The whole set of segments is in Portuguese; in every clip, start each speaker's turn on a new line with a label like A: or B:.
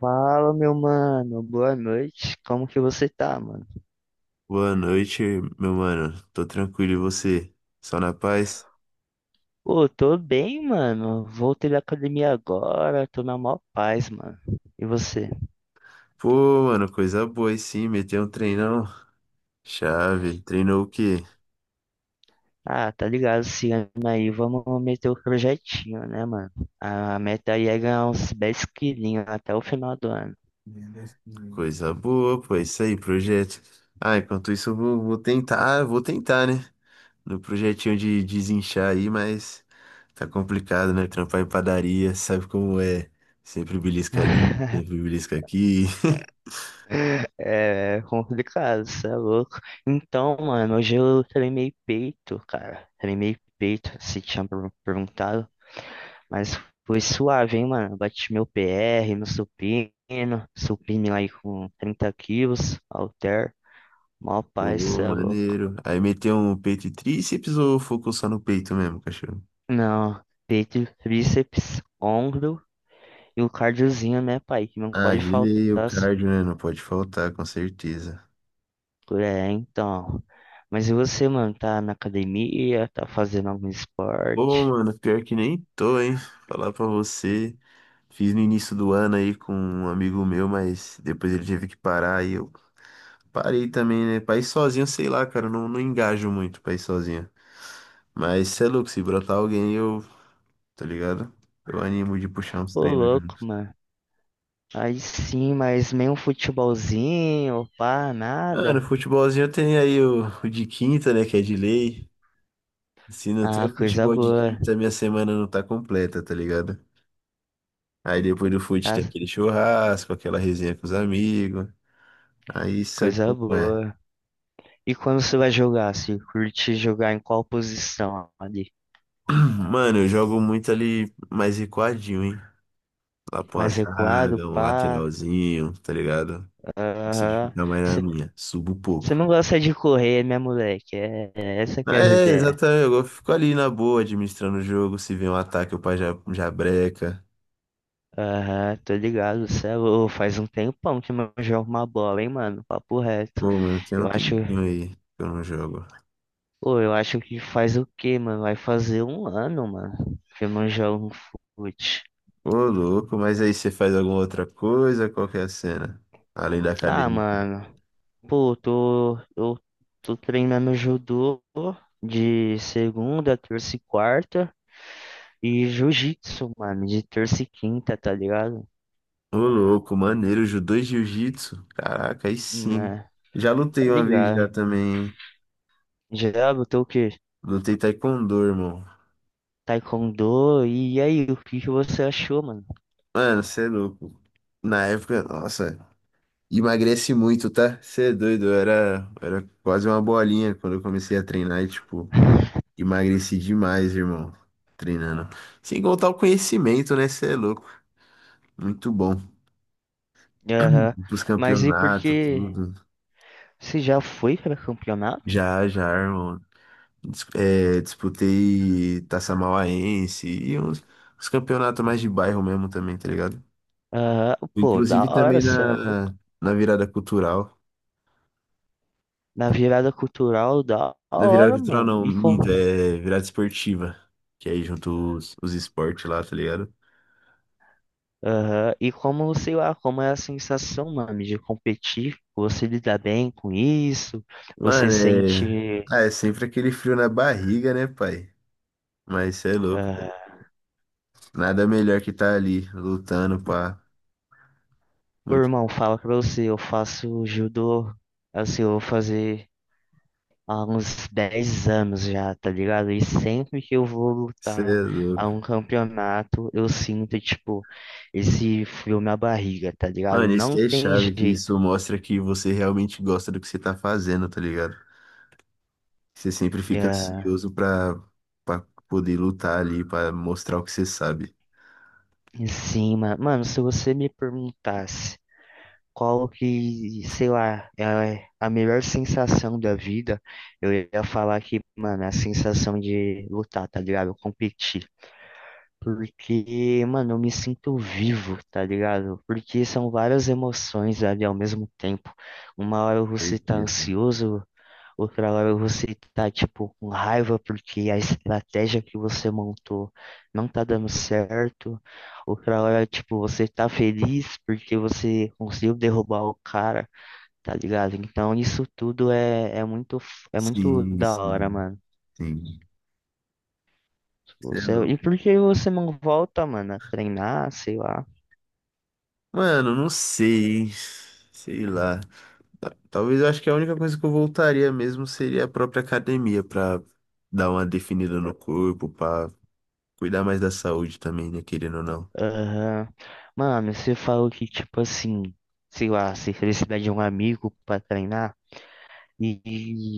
A: Fala, meu mano. Boa noite. Como que você tá, mano?
B: Boa noite, meu mano. Tô tranquilo e você? Só na paz?
A: Pô, tô bem, mano. Voltei da academia agora. Tô na maior paz, mano. E você?
B: Pô, mano, coisa boa, aí sim, meteu um treinão. Chave, treinou o quê?
A: Ah, tá ligado, esse ano aí. Vamos meter o projetinho, né, mano? A meta aí é ganhar uns 10 quilinhos até o final do ano.
B: Coisa boa, pô, é isso aí, projeto. Ah, enquanto isso eu vou tentar, né? No projetinho de desinchar aí, mas tá complicado, né? Trampar em padaria, sabe como é? Sempre belisca ali, sempre belisca aqui.
A: É complicado, cê é louco. Então, mano, hoje eu treinei peito, cara. Treinei peito, se tinha perguntado. Mas foi suave, hein, mano? Bati meu PR, meu supino, lá aí com 30 quilos, halter, mó paz, cê
B: Ô,
A: é louco.
B: maneiro. Aí meteu um peito e tríceps ou focou só no peito mesmo, cachorro?
A: Não, peito, bíceps, ombro e o cardiozinho, né, pai? Que não
B: Ah,
A: pode
B: de
A: faltar.
B: lei, o cardio, né? Não pode faltar, com certeza.
A: É, então. Mas e você, mano? Tá na academia? Tá fazendo algum
B: Pô,
A: esporte?
B: mano, pior que nem tô, hein? Falar pra você. Fiz no início do ano aí com um amigo meu, mas depois ele teve que parar e eu parei também, né? Pra ir sozinho, sei lá, cara, eu não engajo muito pra ir sozinho. Mas cê é louco, se brotar alguém, eu, tá ligado? Eu animo de puxar uns
A: Ô,
B: treinos
A: louco,
B: juntos.
A: mano. Aí sim, mas nem um futebolzinho, pá,
B: Mano,
A: nada.
B: futebolzinho tem aí o de quinta, né? Que é de lei. Se não tem
A: Ah,
B: o
A: coisa
B: futebol de
A: boa.
B: quinta, minha semana não tá completa, tá ligado? Aí depois do fute
A: Ah,
B: tem aquele churrasco, aquela resenha com os amigos. Aí sabe
A: coisa
B: como é.
A: boa. E quando você vai jogar, se curte jogar em qual posição ali?
B: Mano, eu jogo muito ali mais recuadinho, hein? Lá pra uma
A: Mais recuado,
B: zaga, um
A: pá?
B: lateralzinho, tá ligado? Não sei de
A: Aham.
B: ficar mais na
A: Você
B: minha. Subo
A: você
B: pouco.
A: não gosta de correr, né, moleque? É, é essa que é as
B: É,
A: ideias.
B: exatamente. Eu fico ali na boa, administrando o jogo. Se vem um ataque, eu pá, já breca.
A: Aham, tô ligado, cê é louco. Faz um tempão que eu não jogo uma bola, hein, mano? Papo reto.
B: Pô, mano, tem um
A: Eu acho,
B: tempinho aí que eu não jogo.
A: pô, eu acho que faz o quê, mano? Vai fazer um ano, mano, que eu não jogo um fute.
B: Ô, louco, mas aí você faz alguma outra coisa? Qual que é a cena? Além da
A: Ah,
B: academia.
A: mano. Pô, tô, eu tô treinando judô de segunda, terça e quarta e jiu-jitsu, mano, de terça e quinta, tá ligado?
B: Ô, louco, maneiro, judô e jiu-jitsu. Caraca, aí sim.
A: Né,
B: Já
A: tá
B: lutei uma vez já
A: ligado.
B: também, hein?
A: Já botou o quê?
B: Lutei taekwondo, irmão.
A: Taekwondo, e aí, o que que você achou, mano?
B: Mano, você é louco. Na época, nossa, emagrece muito, tá? Você é doido, eu era quase uma bolinha quando eu comecei a treinar e, tipo, emagreci demais, irmão, treinando. Sem contar o conhecimento, né? Você é louco. Muito bom.
A: Aham.
B: Pros
A: Mas e por
B: campeonatos,
A: que
B: tudo.
A: você já foi para campeonato?
B: Já, já, irmão. Disputei Taça Mauaense e uns, uns campeonatos mais de bairro mesmo também, tá ligado?
A: Aham. Pô, da
B: Inclusive
A: hora,
B: também
A: cê é louco.
B: na virada cultural.
A: Na virada cultural, da
B: Na virada
A: hora,
B: cultural
A: mano.
B: não,
A: E com
B: minto, é virada esportiva. Que é aí junto os esportes lá, tá ligado?
A: Aham. E como, sei lá, como é a sensação, mano, de competir, você lida bem com isso, você
B: Mano, é.
A: sente,
B: Ah, é sempre aquele frio na barriga, né, pai? Mas cê é louco.
A: ah,
B: Nada melhor que tá ali, lutando, pá.
A: o
B: Muito.
A: irmão fala pra você, eu faço judô, assim, eu vou fazer há uns 10 anos já, tá ligado? E sempre que eu vou
B: Cê
A: lutar
B: é
A: a
B: louco.
A: um campeonato, eu sinto, tipo, esse frio na barriga, tá ligado?
B: Mano, isso
A: Não
B: que é
A: tem
B: chave, que
A: jeito.
B: isso mostra que você realmente gosta do que você tá fazendo, tá ligado? Você sempre fica
A: Ah,
B: ansioso pra poder lutar ali, pra mostrar o que você sabe.
A: em cima, mano, se você me perguntasse qual que, sei lá, é a melhor sensação da vida, eu ia falar que, mano, é a sensação de lutar, tá ligado? Competir. Porque, mano, eu me sinto vivo, tá ligado? Porque são várias emoções ali ao mesmo tempo. Uma hora você tá
B: Certeza.
A: ansioso. Outra hora você tá, tipo, com raiva porque a estratégia que você montou não tá dando certo. Outra hora, tipo, você tá feliz porque você conseguiu derrubar o cara, tá ligado? Então isso tudo é, é muito, é muito
B: Sim,
A: da hora,
B: sim,
A: mano.
B: sim. Cê é
A: Você,
B: louco.
A: e por que você não volta, mano, a treinar, sei lá?
B: Mano, não sei. Sei lá. Talvez eu acho que a única coisa que eu voltaria mesmo seria a própria academia pra dar uma definida no corpo, pra cuidar mais da saúde também, né? Querendo ou não.
A: Aham. Mano, você falou que, tipo assim, sei lá, você precisa de um amigo pra treinar. E,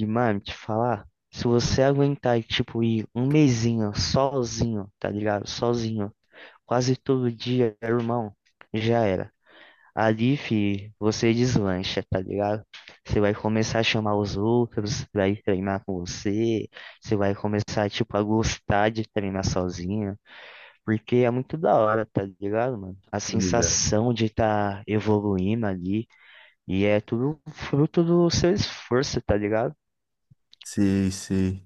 A: e, mano, te falar, se você aguentar, tipo, ir um mesinho sozinho, tá ligado? Sozinho, quase todo dia, irmão, já era. Ali, fi, você deslancha, tá ligado? Você vai começar a chamar os outros, vai treinar com você, você vai começar, tipo, a gostar de treinar sozinho, porque é muito da hora, tá ligado, mano? A
B: Tô ligado.
A: sensação de estar tá evoluindo ali, e é tudo fruto do seu esforço, tá ligado?
B: Sei, sei.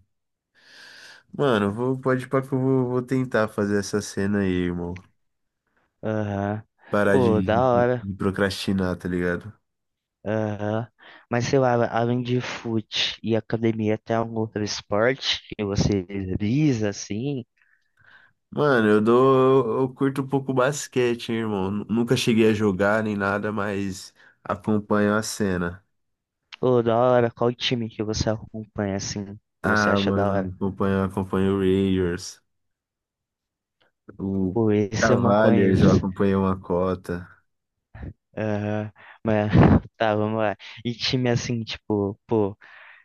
B: Mano, eu vou, pode ir pra que eu vou tentar fazer essa cena aí, irmão.
A: Aham.
B: Parar de,
A: Pô, da
B: de-
A: hora.
B: de procrastinar, tá ligado?
A: Aham. Mas sei lá, além de fute e academia, tem algum outro esporte que você visa, assim?
B: Mano, eu curto um pouco basquete, hein, irmão. Nunca cheguei a jogar nem nada, mas acompanho a cena.
A: Pô, da hora, qual time que você acompanha, assim, que você
B: Ah,
A: acha da
B: mano,
A: hora?
B: acompanho o Warriors, o
A: Pô, esse eu não
B: Cavaliers, eu
A: conheço.
B: acompanho uma cota.
A: Aham. Mas, tá, vamos lá. E time, assim, tipo, pô,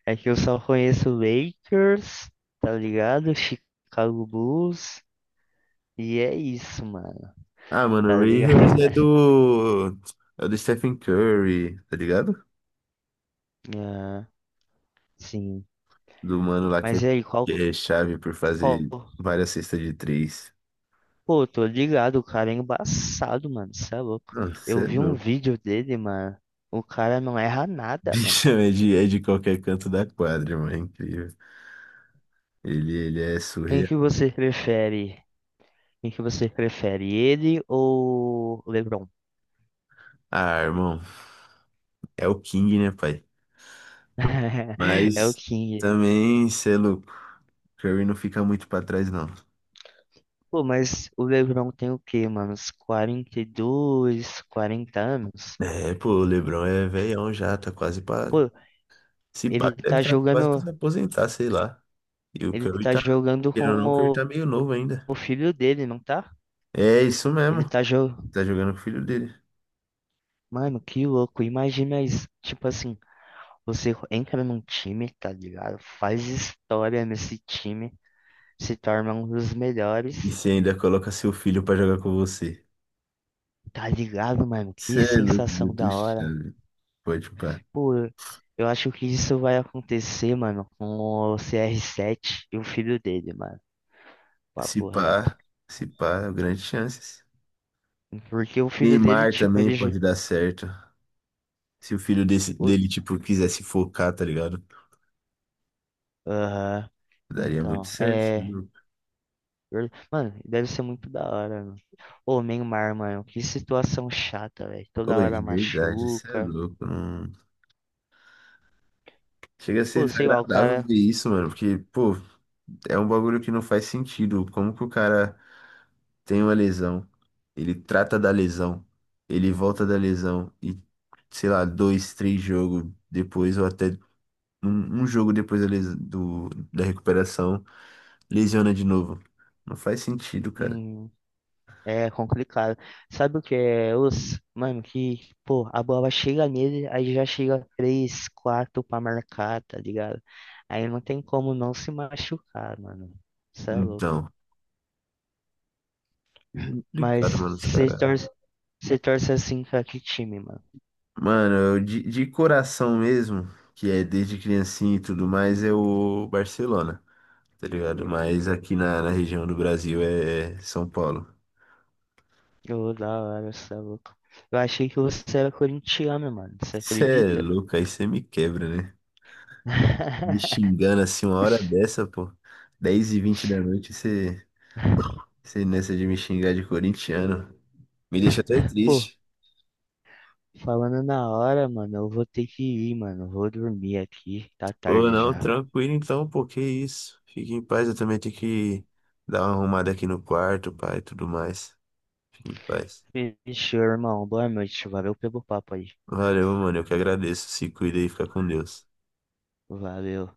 A: é que eu só conheço Lakers, tá ligado? Chicago Bulls, e é isso, mano,
B: Ah, mano,
A: tá
B: o
A: ligado?
B: Warriors é do Stephen Curry, tá ligado?
A: Ah, sim.
B: Do mano lá
A: Mas e aí,
B: que
A: qual.
B: é chave por fazer
A: qual-
B: várias cestas de três.
A: Pô, tô ligado, o cara é embaçado, mano. Cê é louco.
B: Nossa,
A: Eu vi um vídeo dele, mano. O cara não erra nada, mano.
B: bicho é de qualquer canto da quadra, mano. É incrível. Ele é
A: Quem
B: surreal.
A: que você prefere? Quem que você prefere? Ele ou o LeBron?
B: Ah, irmão. É o King, né, pai?
A: É o
B: Mas
A: King.
B: também, cê é louco. Curry não fica muito pra trás, não.
A: Pô, mas o LeBron tem o quê, mano? Uns 42, 40 anos?
B: É, pô, o LeBron é velhão já, tá quase pra.
A: Pô,
B: Se pá,
A: ele
B: deve
A: tá
B: estar quase pra
A: jogando.
B: se aposentar, sei lá. E o
A: Ele
B: Curry
A: tá
B: tá.
A: jogando
B: Querendo ou
A: com
B: não, o Curry tá meio novo ainda.
A: o filho dele, não tá?
B: É isso
A: Ele
B: mesmo.
A: tá, jo
B: Tá jogando com o filho dele.
A: mano, que louco. Imagina isso. Tipo assim, você entra num time, tá ligado? Faz história nesse time, se torna um dos melhores,
B: E você ainda coloca seu filho pra jogar com você.
A: tá ligado, mano?
B: Cê
A: Que
B: é louco,
A: sensação
B: muito
A: da hora.
B: chave. Pode pá.
A: Pô, eu acho que isso vai acontecer, mano, com o CR7 e o filho dele, mano.
B: Se
A: Papo
B: pá,
A: reto.
B: se pá, grandes chances.
A: Porque o filho dele,
B: Neymar
A: tipo,
B: também
A: ele.
B: pode dar certo. Se o
A: O-
B: dele, tipo, quisesse focar, tá ligado?
A: Aham.
B: Daria muito
A: Então,
B: certo, cê é
A: é.
B: louco.
A: Mano, deve ser muito da hora, mano. Ô, Neymar, mano, que situação chata, velho.
B: Ô,
A: Toda
B: de
A: hora
B: verdade, isso é
A: machuca.
B: louco. Não, chega a ser
A: Pô, sei lá, o
B: desagradável
A: cara.
B: ver isso, mano. Porque, pô, é um bagulho que não faz sentido. Como que o cara tem uma lesão, ele trata da lesão, ele volta da lesão e, sei lá, dois, três jogos depois, ou até um jogo depois da recuperação. Lesiona de novo. Não faz sentido, cara.
A: hum, é complicado. Sabe o que é os. Mano, que, pô, a bola chega nele, aí já chega três, quatro pra marcar, tá ligado? Aí não tem como não se machucar, mano. Isso é louco.
B: Então,
A: Mas
B: complicado, mano, os
A: você
B: caras.
A: torce, você torce assim pra que time, mano?
B: Mano, eu de coração mesmo, que é desde criancinha e tudo mais, é o Barcelona, tá ligado? Mas aqui na região do Brasil é São Paulo.
A: Ô, da hora, você é louco. Eu achei que você era corintiano, mano. Você
B: Cê é
A: acredita?
B: louco, aí você me quebra, né? Me xingando assim uma hora dessa, pô. 10:20 da noite, você nessa de me xingar de corintiano. Me deixa até
A: Pô,
B: triste.
A: falando na hora, mano, eu vou ter que ir, mano. Eu vou dormir aqui, tá
B: Ou
A: tarde
B: não,
A: já.
B: tranquilo então, pô, que isso. Fique em paz, eu também tenho que dar uma arrumada aqui no quarto, pai, e tudo mais. Fique em paz.
A: Fechou, irmão. Boa noite. Valeu pelo papo aí.
B: Valeu, mano, eu que agradeço. Se cuida e fica com Deus.
A: Valeu.